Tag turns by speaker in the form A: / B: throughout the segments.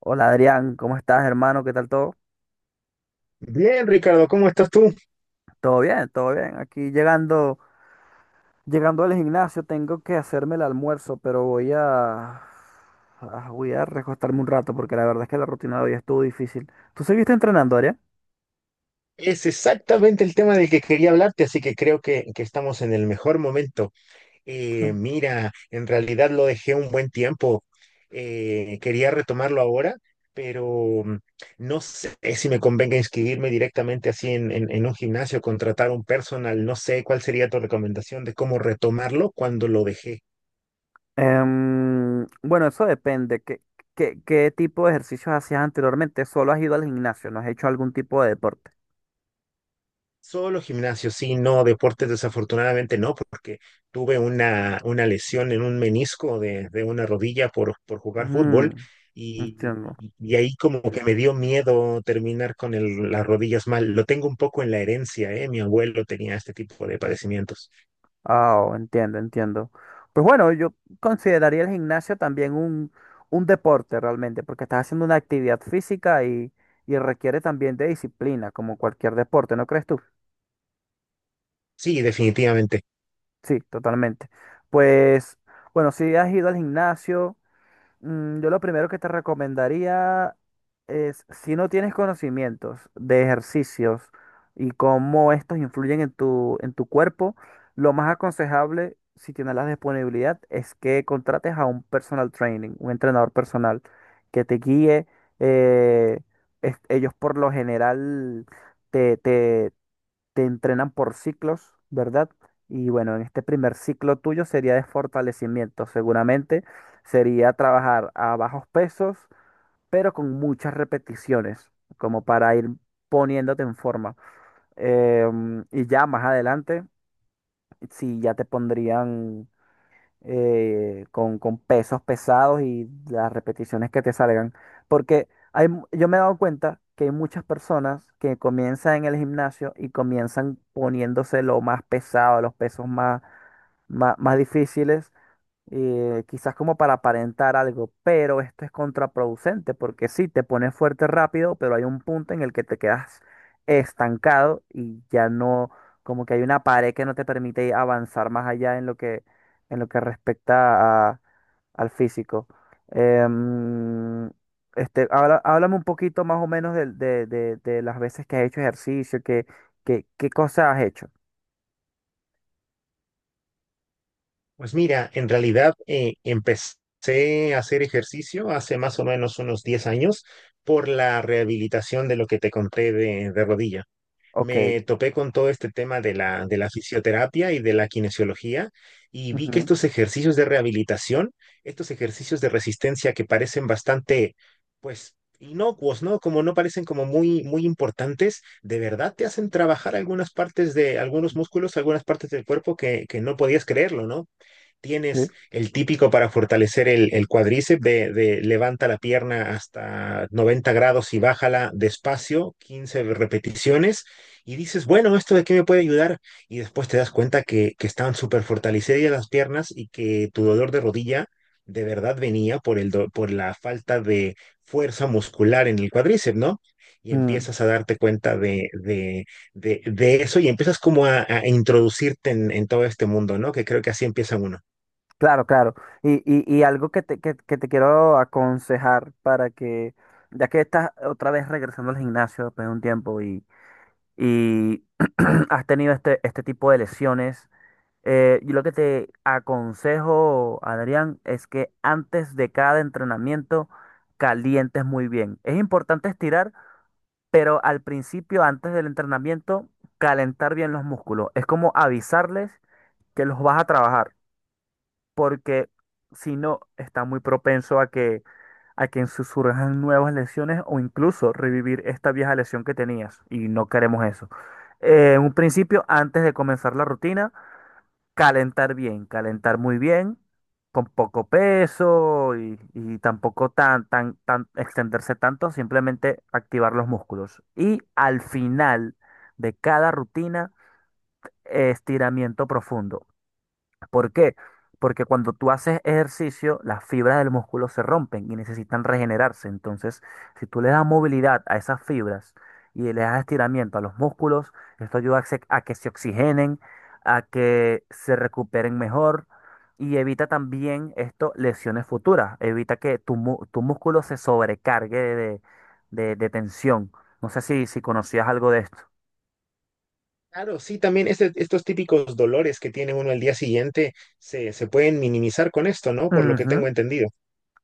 A: Hola Adrián, ¿cómo estás, hermano? ¿Qué tal todo?
B: Bien, Ricardo, ¿cómo estás tú?
A: Todo bien, todo bien. Aquí llegando, llegando al gimnasio, tengo que hacerme el almuerzo, pero voy a recostarme un rato porque la verdad es que la rutina de hoy estuvo difícil. ¿Tú seguiste entrenando, Adrián?
B: Es exactamente el tema del que quería hablarte, así que creo que estamos en el mejor momento. Eh, mira, en realidad lo dejé un buen tiempo. Quería retomarlo ahora, pero no sé si me convenga inscribirme directamente así en un gimnasio, contratar un personal. No sé cuál sería tu recomendación de cómo retomarlo cuando lo dejé.
A: Bueno, eso depende. ¿Qué tipo de ejercicios hacías anteriormente? Solo has ido al gimnasio, ¿no has hecho algún tipo de deporte?
B: Solo gimnasio, sí, no, deportes desafortunadamente no, porque tuve una lesión en un menisco de una rodilla por jugar fútbol
A: Mm,
B: y,
A: Entiendo.
B: y ahí como que me dio miedo terminar con las rodillas mal. Lo tengo un poco en la herencia, ¿eh? Mi abuelo tenía este tipo de padecimientos.
A: Ah, oh, entiendo, entiendo. Pues bueno, yo consideraría el gimnasio también un deporte realmente, porque estás haciendo una actividad física y requiere también de disciplina, como cualquier deporte, ¿no crees tú?
B: Sí, definitivamente.
A: Sí, totalmente. Pues bueno, si has ido al gimnasio. Mm. Yo lo primero que te recomendaría es, si no tienes conocimientos de ejercicios y cómo estos influyen en tu cuerpo, lo más aconsejable, si tienes la disponibilidad, es que contrates a un personal training, un entrenador personal que te guíe. eh, Ellos por lo general te entrenan por ciclos, ¿verdad? Y bueno, en este primer ciclo tuyo sería de fortalecimiento, seguramente sería trabajar a bajos pesos, pero con muchas repeticiones, como para ir poniéndote en forma. Y ya más adelante, si ya te pondrían con pesos pesados y las repeticiones que te salgan. Porque yo me he dado cuenta que hay muchas personas que comienzan en el gimnasio y comienzan poniéndose lo más pesado, los pesos más difíciles, quizás como para aparentar algo, pero esto es contraproducente porque sí, te pones fuerte rápido, pero hay un punto en el que te quedas estancado y ya no, como que hay una pared que no te permite avanzar más allá en lo que al físico. Em, Háblame un poquito más o menos de, de las veces que has hecho ejercicio, qué cosas has hecho.
B: Pues mira, en realidad empecé a hacer ejercicio hace más o menos unos 10 años por la rehabilitación de lo que te conté de rodilla.
A: Ok.
B: Me topé con todo este tema de la fisioterapia y de la kinesiología, y vi que
A: Ujú,
B: estos ejercicios de rehabilitación, estos ejercicios de resistencia que parecen bastante, pues, inocuos, ¿no? Como no parecen como muy importantes, de verdad te hacen trabajar algunas partes de algunos músculos, algunas partes del cuerpo que no podías creerlo, ¿no?
A: sí.
B: Tienes el típico para fortalecer el cuádriceps de levanta la pierna hasta 90 grados y bájala despacio, 15 repeticiones, y dices, bueno, ¿esto de qué me puede ayudar? Y después te das cuenta que estaban súper fortalecidas las piernas y que tu dolor de rodilla de verdad venía por, por la falta de fuerza muscular en el cuádriceps, ¿no? Y
A: Mm,
B: empiezas a darte cuenta de eso y empiezas como a introducirte en todo este mundo, ¿no? Que creo que así empieza uno.
A: claro, claro. Y algo que que te quiero aconsejar para que, ya que estás otra vez regresando al gimnasio después de un tiempo y has tenido este, este tipo de lesiones. Yo lo que te aconsejo, Adrián, es que antes de cada entrenamiento calientes muy bien. Es importante estirar, pero al principio, antes del entrenamiento, calentar bien los músculos. Es como avisarles que los vas a trabajar, porque si no, está muy propenso a que surjan nuevas lesiones o incluso revivir esta vieja lesión que tenías y no queremos eso. En un principio, antes de comenzar la rutina. Calentar bien, calentar muy bien, con poco peso y tampoco tan extenderse tanto, simplemente activar los músculos. Y al final de cada rutina, estiramiento profundo. ¿Por qué? Porque cuando tú haces ejercicio, las fibras del músculo se rompen y necesitan regenerarse. Entonces, si tú le das movilidad a esas fibras y le das estiramiento a los músculos, esto ayuda a que se oxigenen, a que se recuperen mejor y evita también esto lesiones futuras. Evita que tu músculo se sobrecargue de, de tensión. No sé si, si conocías algo de esto.
B: Claro, sí, también estos típicos dolores que tiene uno al día siguiente se pueden minimizar con esto, ¿no? Por lo que tengo
A: Ujú.
B: entendido.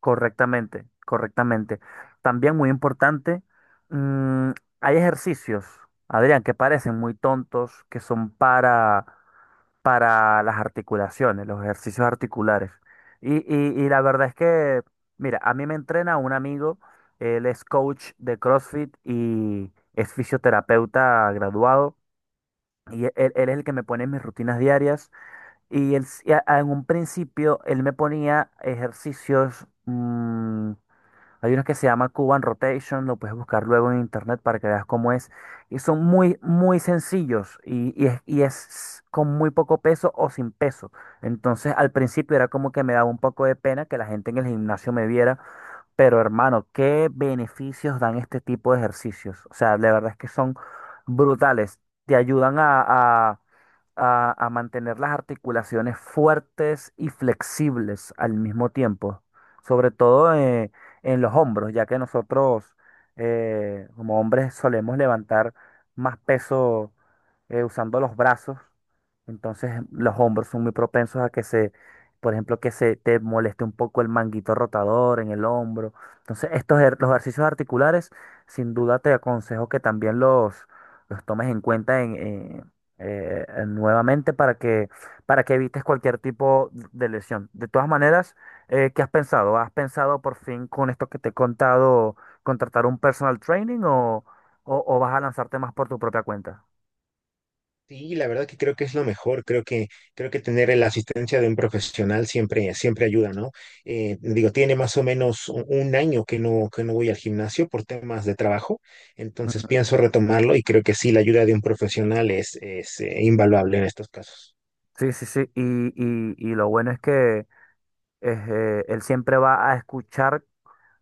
A: Correctamente, correctamente. También muy importante, mm, hay ejercicios, Adrián, que parecen muy tontos, que son para las articulaciones, los ejercicios articulares. Y la verdad es que, mira, a mí me entrena un amigo, él es coach de CrossFit y es fisioterapeuta graduado. Él es el que me pone mis rutinas diarias. Y él, s- y a- En un principio, él me ponía ejercicios, mm, hay unos que se llama Cuban Rotation, lo puedes buscar luego en internet para que veas cómo es. Y son muy, muy sencillos y, y es con muy poco peso o sin peso. Entonces al principio era como que me daba un poco de pena que la gente en el gimnasio me viera, pero hermano, ¿qué beneficios dan este tipo de ejercicios? O sea, de verdad es que son brutales. Te ayudan a, a mantener las articulaciones fuertes y flexibles al mismo tiempo. Sobre todo, en los hombros, ya que nosotros, como hombres, solemos levantar más peso, usando los brazos. Entonces los hombros son muy propensos a que se, por ejemplo, que se te moleste un poco el manguito rotador en el hombro. Entonces, los ejercicios articulares, sin duda te aconsejo que también los tomes en cuenta en nuevamente para que evites cualquier tipo de lesión. De todas maneras, ¿qué has pensado? ¿Has pensado por fin con esto que te he contado contratar un personal training o, o vas a lanzarte más por tu propia cuenta?
B: Sí, la verdad que creo que es lo mejor. Creo que tener la asistencia de un profesional siempre, siempre ayuda, ¿no? Digo, tiene más o menos un año que no voy al gimnasio por temas de trabajo, entonces
A: Ujú.
B: pienso retomarlo y creo que sí, la ayuda de un profesional es, es invaluable en estos casos.
A: Sí, sí, sí. Y lo bueno es que es, él siempre va a escuchar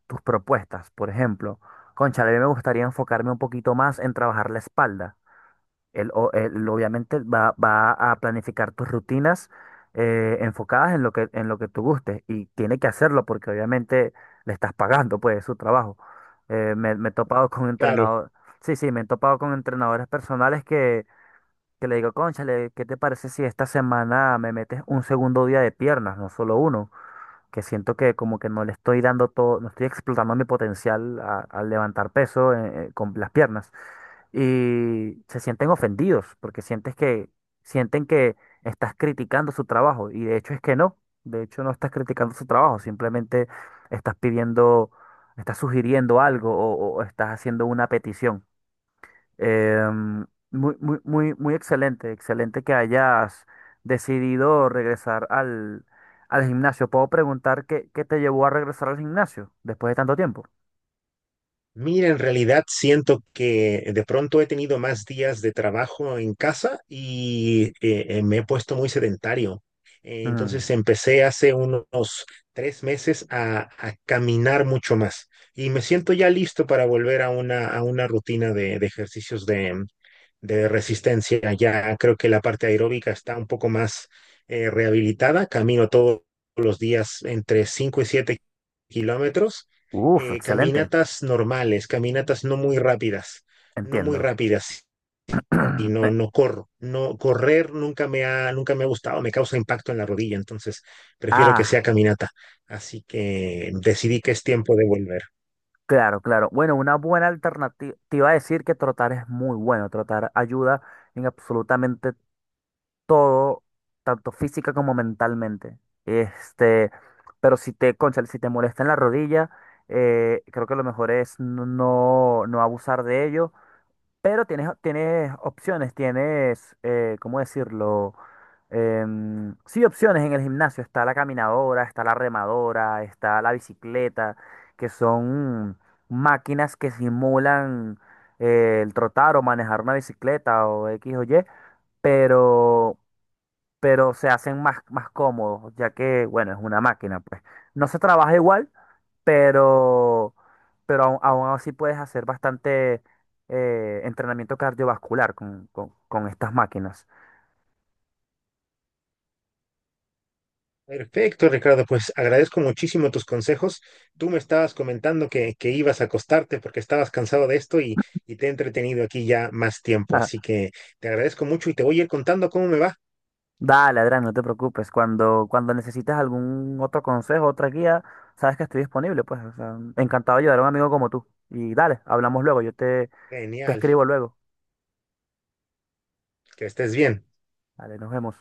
A: tus propuestas. Por ejemplo, cónchale, a mí me gustaría enfocarme un poquito más en trabajar la espalda. Él obviamente va a planificar tus rutinas, enfocadas en lo que tú gustes, y tiene que hacerlo porque obviamente le estás pagando pues su trabajo. Me he topado con
B: Claro.
A: entrenador, sí, sí, me he topado con entrenadores personales que le digo, cónchale, ¿qué te parece si esta semana me metes un segundo día de piernas, no solo uno? Que siento que como que no le estoy dando todo, no estoy explotando mi potencial al levantar peso, con las piernas. Y se sienten ofendidos porque sientes que, sienten que estás criticando su trabajo, y de hecho es que no, de hecho no estás criticando su trabajo, simplemente estás pidiendo, estás sugiriendo algo o estás haciendo una petición. Muy excelente, excelente que hayas decidido regresar al, al gimnasio. ¿Puedo preguntar qué te llevó a regresar al gimnasio después de tanto tiempo?
B: Mira, en realidad siento que de pronto he tenido más días de trabajo en casa y me he puesto muy sedentario.
A: Mm.
B: Entonces empecé hace unos 3 meses a caminar mucho más y me siento ya listo para volver a una rutina de ejercicios de resistencia. Ya creo que la parte aeróbica está un poco más rehabilitada. Camino todos los días entre 5 y 7 kilómetros,
A: Uf, excelente,
B: caminatas normales, caminatas no muy rápidas, no muy
A: entiendo.
B: rápidas. Y
A: Eh,
B: no, no corro. No, correr nunca me ha, nunca me ha gustado, me causa impacto en la rodilla, entonces prefiero que
A: ah,
B: sea caminata. Así que decidí que es tiempo de volver.
A: claro, claro. Bueno, una buena alternativa. Te iba a decir que trotar es muy bueno. Trotar ayuda en absolutamente todo, tanto física como mentalmente. Este, pero si te, cónchale, si te molesta en la rodilla, creo que lo mejor es no, no, no abusar de ello. Pero tienes, tienes opciones, tienes, ¿cómo decirlo? Em, sí, opciones en el gimnasio. Está la caminadora, está la remadora, está la bicicleta, que son máquinas que simulan, el trotar o manejar una bicicleta o X o Y. Pero pero se hacen más, más cómodos, ya que, bueno, es una máquina, pues. No se trabaja igual, pero, pero aún así puedes hacer bastante, entrenamiento cardiovascular con estas máquinas.
B: Perfecto, Ricardo. Pues agradezco muchísimo tus consejos. Tú me estabas comentando que ibas a acostarte porque estabas cansado de esto y te he entretenido aquí ya más tiempo. Así que te agradezco mucho y te voy a ir contando cómo me va.
A: Dale, Adrián, no te preocupes. Cuando, cuando necesites algún otro consejo, otra guía, sabes que estoy disponible, pues. O sea, encantado de ayudar a un amigo como tú. Y dale, hablamos luego, te
B: Genial.
A: escribo luego.
B: Que estés bien.
A: Dale, nos vemos.